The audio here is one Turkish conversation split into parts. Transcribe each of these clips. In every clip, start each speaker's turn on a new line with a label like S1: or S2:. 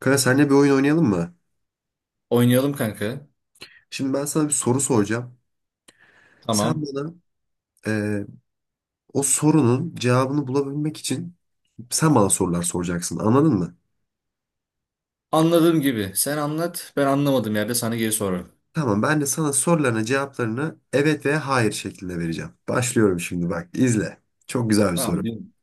S1: Kanka seninle bir oyun oynayalım mı?
S2: Oynayalım kanka.
S1: Şimdi ben sana bir soru soracağım. Sen
S2: Tamam.
S1: bana e, o sorunun cevabını bulabilmek için sen bana sorular soracaksın. Anladın mı?
S2: Anladığım gibi. Sen anlat. Ben anlamadığım yerde sana geri sorarım.
S1: Tamam ben de sana sorularına cevaplarını evet veya hayır şeklinde vereceğim. Başlıyorum şimdi bak izle. Çok güzel bir
S2: Tamam.
S1: soru.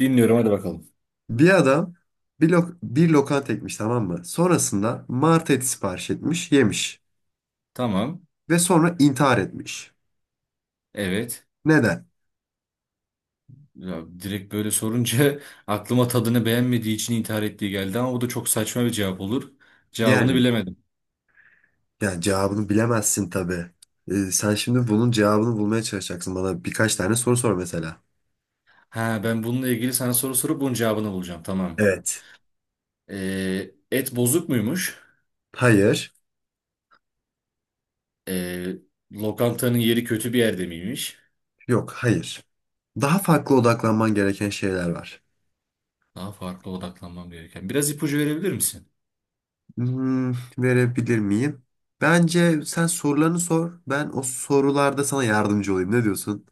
S2: Dinliyorum. Hadi bakalım.
S1: Bir adam bir lokanta ekmiş, tamam mı? Sonrasında mart eti sipariş etmiş, yemiş.
S2: Tamam.
S1: Ve sonra intihar etmiş.
S2: Evet.
S1: Neden?
S2: Ya, direkt böyle sorunca aklıma tadını beğenmediği için intihar ettiği geldi ama bu da çok saçma bir cevap olur. Cevabını
S1: Yani
S2: bilemedim.
S1: Yani cevabını bilemezsin tabii. Sen şimdi bunun cevabını bulmaya çalışacaksın. Bana birkaç tane soru sor mesela.
S2: Ha, ben bununla ilgili sana soru sorup bunun cevabını bulacağım. Tamam.
S1: Evet.
S2: Et bozuk muymuş?
S1: Hayır.
S2: Ee, Lokantanın yeri kötü bir yerde miymiş?
S1: Yok, hayır. Daha farklı odaklanman gereken şeyler var.
S2: Daha farklı odaklanmam gereken. Biraz ipucu verebilir misin?
S1: Hmm, verebilir miyim? Bence sen sorularını sor. Ben o sorularda sana yardımcı olayım. Ne diyorsun?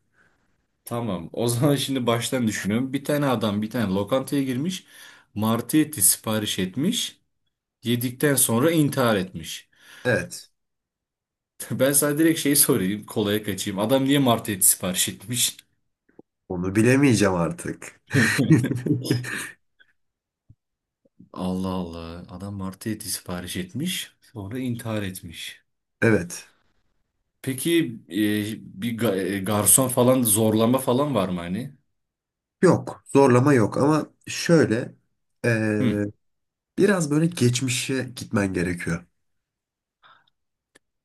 S2: Tamam. O zaman şimdi baştan düşünüyorum. Bir tane adam bir tane lokantaya girmiş. Martı eti sipariş etmiş. Yedikten sonra intihar etmiş.
S1: Evet.
S2: Ben sana direkt şey sorayım. Kolaya kaçayım. Adam niye martı eti sipariş etmiş?
S1: Onu bilemeyeceğim artık.
S2: Allah Allah. Adam martı eti sipariş etmiş. Sonra intihar etmiş.
S1: Evet.
S2: Peki e, bir garson falan zorlama falan var mı hani?
S1: Yok. Zorlama yok ama şöyle
S2: Hı.
S1: eee, biraz böyle geçmişe gitmen gerekiyor.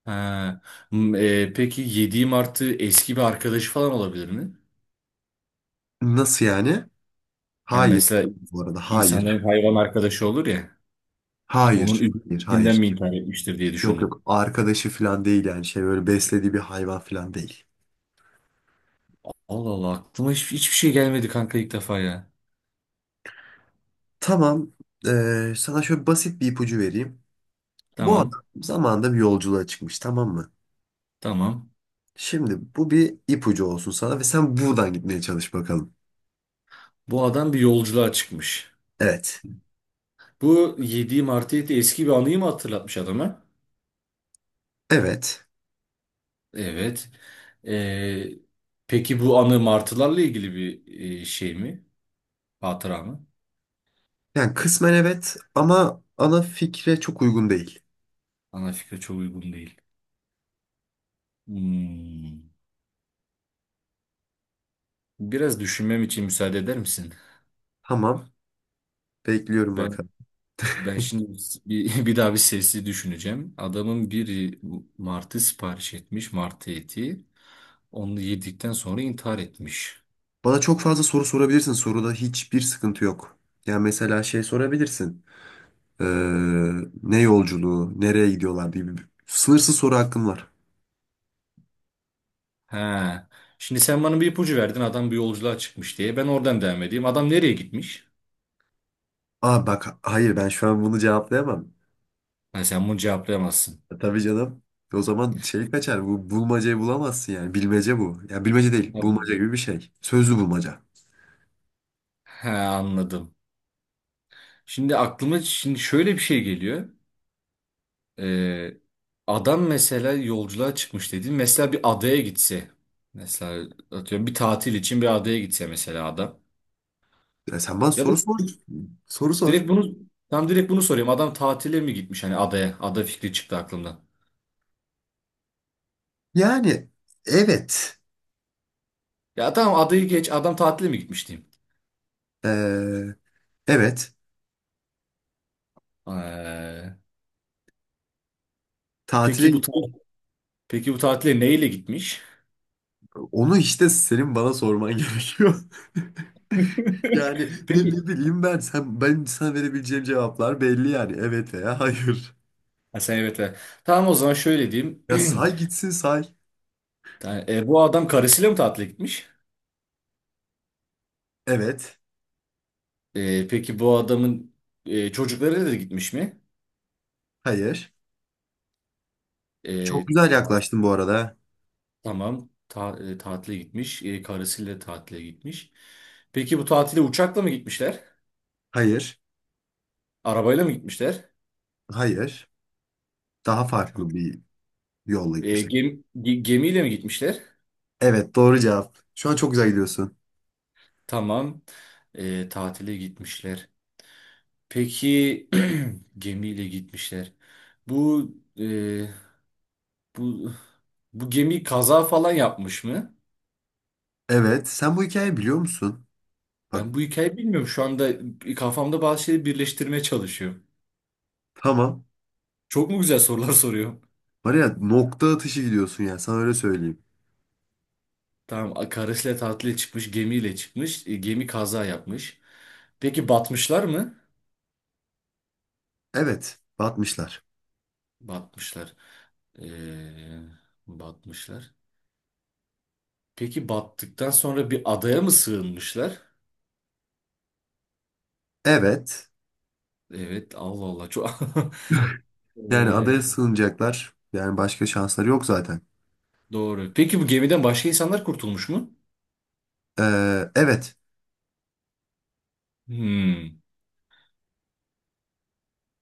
S2: Ha. Peki yediği martı eski bir arkadaşı falan olabilir mi?
S1: Nasıl yani?
S2: Hani
S1: Hayır.
S2: mesela
S1: Bu arada hayır.
S2: İnsanların hayvan arkadaşı olur ya. Onun
S1: Hayır. Hayır.
S2: üzüntüsünden
S1: Hayır.
S2: mi intihar etmiştir diye
S1: Yok
S2: düşündüm.
S1: yok. Arkadaşı falan değil yani. Şey böyle beslediği bir hayvan falan değil.
S2: Allah Allah, aklıma hiç, hiçbir şey gelmedi kanka ilk defa ya.
S1: Tamam. Sana şöyle basit bir ipucu vereyim. Bu
S2: Tamam
S1: adam zamanında bir yolculuğa çıkmış, tamam mı?
S2: tamam.
S1: Şimdi bu bir ipucu olsun sana ve sen buradan gitmeye çalış bakalım.
S2: Bu adam bir yolculuğa çıkmış.
S1: Evet.
S2: Bu yediğim artı eti eski bir anıyı mı hatırlatmış adama?
S1: Evet.
S2: Evet. Ee, peki bu anı martılarla ilgili bir şey mi? Hatıra mı?
S1: Yani kısmen evet ama ana fikre çok uygun değil.
S2: Ana fikre çok uygun değil. Hmm. Biraz düşünmem için müsaade eder misin?
S1: Tamam. Bekliyorum
S2: Ben
S1: bakalım.
S2: Ben şimdi bir, bir daha bir sesi düşüneceğim. Adamın biri martı sipariş etmiş, martı eti. Onu yedikten sonra intihar etmiş.
S1: Bana çok fazla soru sorabilirsin. Soruda hiçbir sıkıntı yok. Yani mesela şey sorabilirsin. Ee, Ne yolculuğu, nereye gidiyorlar diye bir sınırsız soru hakkım var.
S2: He. Şimdi sen bana bir ipucu verdin. Adam bir yolculuğa çıkmış diye. Ben oradan devam edeyim. Adam nereye gitmiş?
S1: Aa bak hayır, ben şu an bunu cevaplayamam.
S2: Ha, sen bunu cevaplayamazsın.
S1: E, tabii canım. O zaman şey kaçar. Bu bulmacayı bulamazsın yani. Bilmece bu. Ya bilmece değil.
S2: Abi-
S1: Bulmaca gibi bir şey. Sözlü bulmaca.
S2: He, anladım. Şimdi aklıma şöyle bir şey geliyor. Ee, Adam mesela yolculuğa çıkmış dedi. Mesela bir adaya gitse. Mesela atıyorum bir tatil için bir adaya gitse mesela adam.
S1: Ya sen bana
S2: Ya da
S1: soru sor. Soru
S2: direkt
S1: sor.
S2: bunu tam direkt bunu soruyorum. Adam tatile mi gitmiş hani adaya? Ada fikri çıktı aklımdan.
S1: Yani evet.
S2: Ya tamam adayı geç. Adam tatile mi gitmiş diyeyim.
S1: Ee, evet.
S2: Ee,
S1: Tatile
S2: peki
S1: gittim.
S2: peki bu tatile neyle gitmiş?
S1: Onu işte senin bana sorman gerekiyor. Yani ne
S2: Peki.
S1: bileyim ben, ben sana verebileceğim cevaplar belli yani, evet veya hayır.
S2: Ha, sen evet. Evet. Tamam o zaman şöyle diyeyim.
S1: Ya say gitsin, say.
S2: Bu adam karısıyla mı tatile gitmiş?
S1: Evet.
S2: E, peki bu adamın çocukları da gitmiş mi?
S1: Hayır. Çok
S2: E,
S1: güzel
S2: ta-
S1: yaklaştın bu arada.
S2: tamam. Tatile gitmiş. E, karısıyla tatile gitmiş. Peki bu tatile uçakla mı gitmişler?
S1: Hayır.
S2: Arabayla mı gitmişler?
S1: Hayır. Daha farklı bir yolla gitmişler.
S2: Gemiyle mi gitmişler?
S1: Evet, doğru cevap. Şu an çok güzel gidiyorsun.
S2: Tamam. E, tatile gitmişler. Peki gemiyle gitmişler. Bu e, bu bu gemi kaza falan yapmış mı?
S1: Evet. Sen bu hikayeyi biliyor musun? Bak,
S2: Ben bu hikayeyi bilmiyorum. Şu anda kafamda bazı şeyleri birleştirmeye çalışıyorum.
S1: tamam.
S2: Çok mu güzel sorular soruyorum?
S1: Var ya, nokta atışı gidiyorsun ya, sana öyle söyleyeyim.
S2: Tamam, karısıyla tatile çıkmış, gemiyle çıkmış. E, gemi kaza yapmış. Peki batmışlar mı?
S1: Evet. Batmışlar.
S2: Batmışlar. E, batmışlar. Peki battıktan sonra bir adaya mı sığınmışlar?
S1: Evet.
S2: Evet, Allah Allah. Çok...
S1: Yani adaya
S2: Ee,
S1: sığınacaklar. Yani başka şansları yok zaten.
S2: doğru. Peki bu gemiden başka insanlar kurtulmuş mu?
S1: Evet.
S2: Hmm.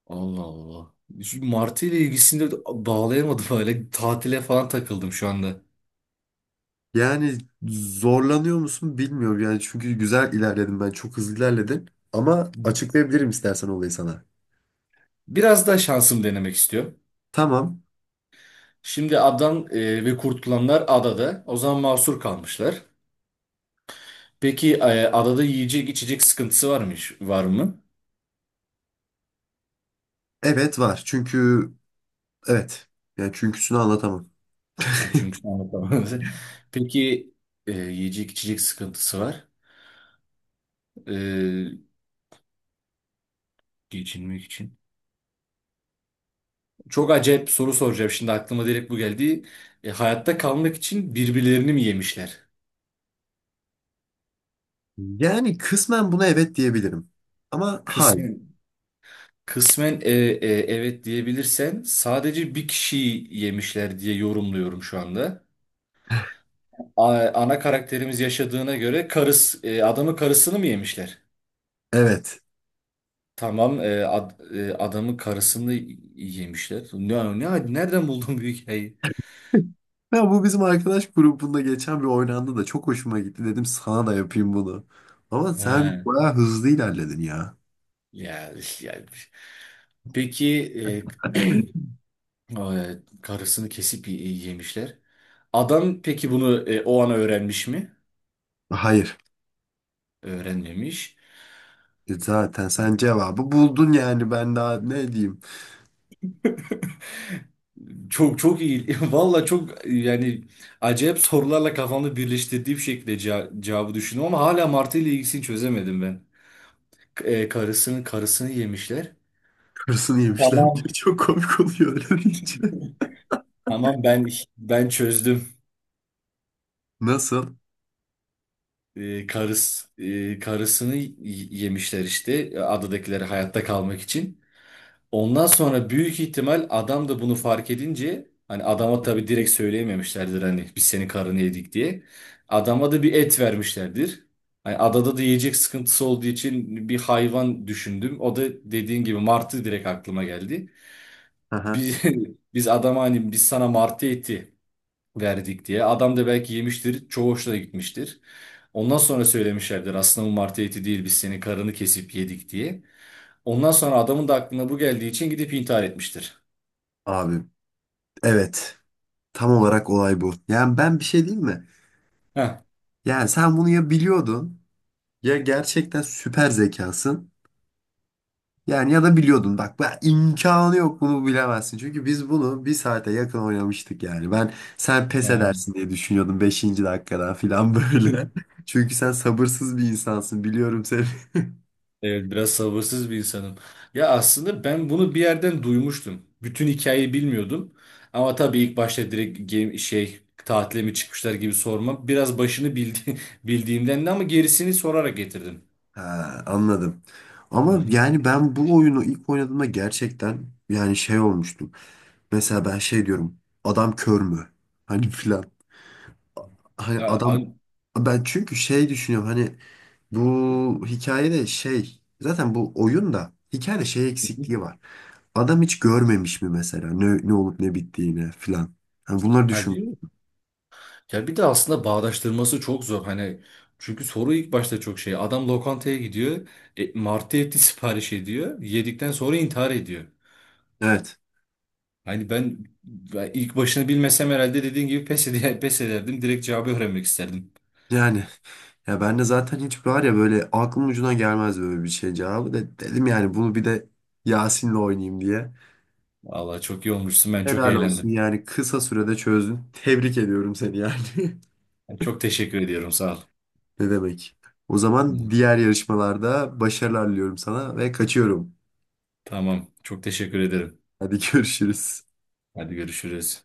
S2: Allah Allah. Şu Martı ile ilgisini de bağlayamadım öyle. Tatile falan takıldım şu anda.
S1: Yani zorlanıyor musun bilmiyorum. Yani çünkü güzel ilerledim ben. Çok hızlı ilerledim. Ama açıklayabilirim istersen olayı sana.
S2: Biraz daha şansım denemek istiyorum.
S1: Tamam.
S2: Şimdi adam e, ve kurtulanlar adada. O zaman mahsur kalmışlar. Peki adada yiyecek içecek var mı?
S1: Evet var. Çünkü evet. Yani çünküsünü anlatamam.
S2: Ha, çünkü sen anlatamadın. Peki yiyecek içecek sıkıntısı var. E, geçinmek için. Çok acayip soru soracağım. Şimdi aklıma direkt bu geldi. Hayatta kalmak için birbirlerini mi yemişler?
S1: Yani kısmen buna evet diyebilirim. Ama hayır.
S2: Kısmen, kısmen evet diyebilirsen sadece bir kişiyi yemişler diye yorumluyorum şu anda. Ana karakterimiz yaşadığına göre adamın karısını mı yemişler?
S1: Evet.
S2: Tamam, adamın karısını yemişler. Nereden buldun bu hikayeyi?
S1: Ya bu bizim arkadaş grubunda geçen bir oynandı da çok hoşuma gitti. Dedim sana da yapayım bunu. Ama sen
S2: Ha,
S1: bayağı hızlı ilerledin ya.
S2: ya, ya. Peki e, karısını kesip yemişler. Adam peki bunu o ana öğrenmiş mi?
S1: Hayır.
S2: Öğrenmemiş.
S1: E zaten sen cevabı buldun yani, ben daha ne diyeyim.
S2: Çok çok iyi. Valla çok yani acayip sorularla kafamda birleştirdiğim şekilde cevabı düşündüm ama hala Martı ile ilgisini çözemedim ben. Karısını yemişler.
S1: Kırsını yemişler.
S2: Tamam.
S1: Çok komik oluyor öyle deyince.
S2: Tamam ben çözdüm.
S1: Nasıl?
S2: Karısını yemişler işte adadakileri hayatta kalmak için. Ondan sonra büyük ihtimal adam da bunu fark edince hani adama tabii direkt söyleyememişlerdir hani biz senin karını yedik diye. Adama da bir et vermişlerdir. Hani adada da yiyecek sıkıntısı olduğu için bir hayvan düşündüm. O da dediğin gibi martı direkt aklıma geldi.
S1: Aha.
S2: Biz, biz adama hani biz sana martı eti verdik diye. Adam da belki yemiştir. Çoğu hoşuna gitmiştir. Ondan sonra söylemişlerdir aslında bu martı eti değil biz senin karını kesip yedik diye. Ondan sonra adamın da aklına bu geldiği için gidip intihar etmiştir.
S1: Abi evet. Tam olarak olay bu. Yani ben bir şey diyeyim mi?
S2: Heh.
S1: Yani sen bunu ya biliyordun ya gerçekten süper zekasın. Yani ya da biliyordun. Bak ben, imkanı yok bunu bilemezsin. Çünkü biz bunu bir saate yakın oynamıştık yani. Ben sen pes
S2: Ha.
S1: edersin diye düşünüyordum beşinci dakikadan filan böyle. Çünkü sen sabırsız bir insansın, biliyorum seni.
S2: Evet biraz sabırsız bir insanım. Ya aslında ben bunu bir yerden duymuştum. Bütün hikayeyi bilmiyordum. Ama tabii ilk başta direkt game, şey tatile mi çıkmışlar gibi sorma. Biraz başını bildi, bildiğimden de ama gerisini sorarak getirdim.
S1: Ha, anladım.
S2: Hı
S1: Ama
S2: hı.
S1: yani ben bu oyunu ilk oynadığımda gerçekten yani şey olmuştum. Mesela ben şey diyorum. Adam kör mü? Hani filan. Hani
S2: Ya,
S1: adam,
S2: an-
S1: ben çünkü şey düşünüyorum hani, bu hikayede şey, zaten bu oyunda hikayede şey
S2: Hı
S1: eksikliği
S2: hı.
S1: var. Adam hiç görmemiş mi mesela ne olup ne bittiğini filan. Hani bunları
S2: Ha,
S1: düşün.
S2: değil mi? Ya bir de aslında bağdaştırması çok zor. Hani çünkü soru ilk başta çok şey. Adam lokantaya gidiyor. E, martı eti sipariş ediyor. Yedikten sonra intihar ediyor.
S1: Evet.
S2: Hani ben ilk başını bilmesem herhalde dediğin gibi pes, pes ederdim. Direkt cevabı öğrenmek isterdim.
S1: Yani ya ben de zaten hiç var ya böyle aklım ucuna gelmez böyle bir şey cevabı da, dedim yani bunu bir de Yasin'le oynayayım diye.
S2: Vallahi çok iyi olmuşsun. Ben çok
S1: Helal olsun
S2: eğlendim.
S1: yani kısa sürede çözdün. Tebrik ediyorum seni yani.
S2: Çok teşekkür ediyorum. Sağ ol.
S1: Ne demek? O zaman
S2: Hı.
S1: diğer yarışmalarda başarılar diliyorum sana ve kaçıyorum.
S2: Tamam. Çok teşekkür ederim.
S1: Hadi görüşürüz.
S2: Hadi görüşürüz.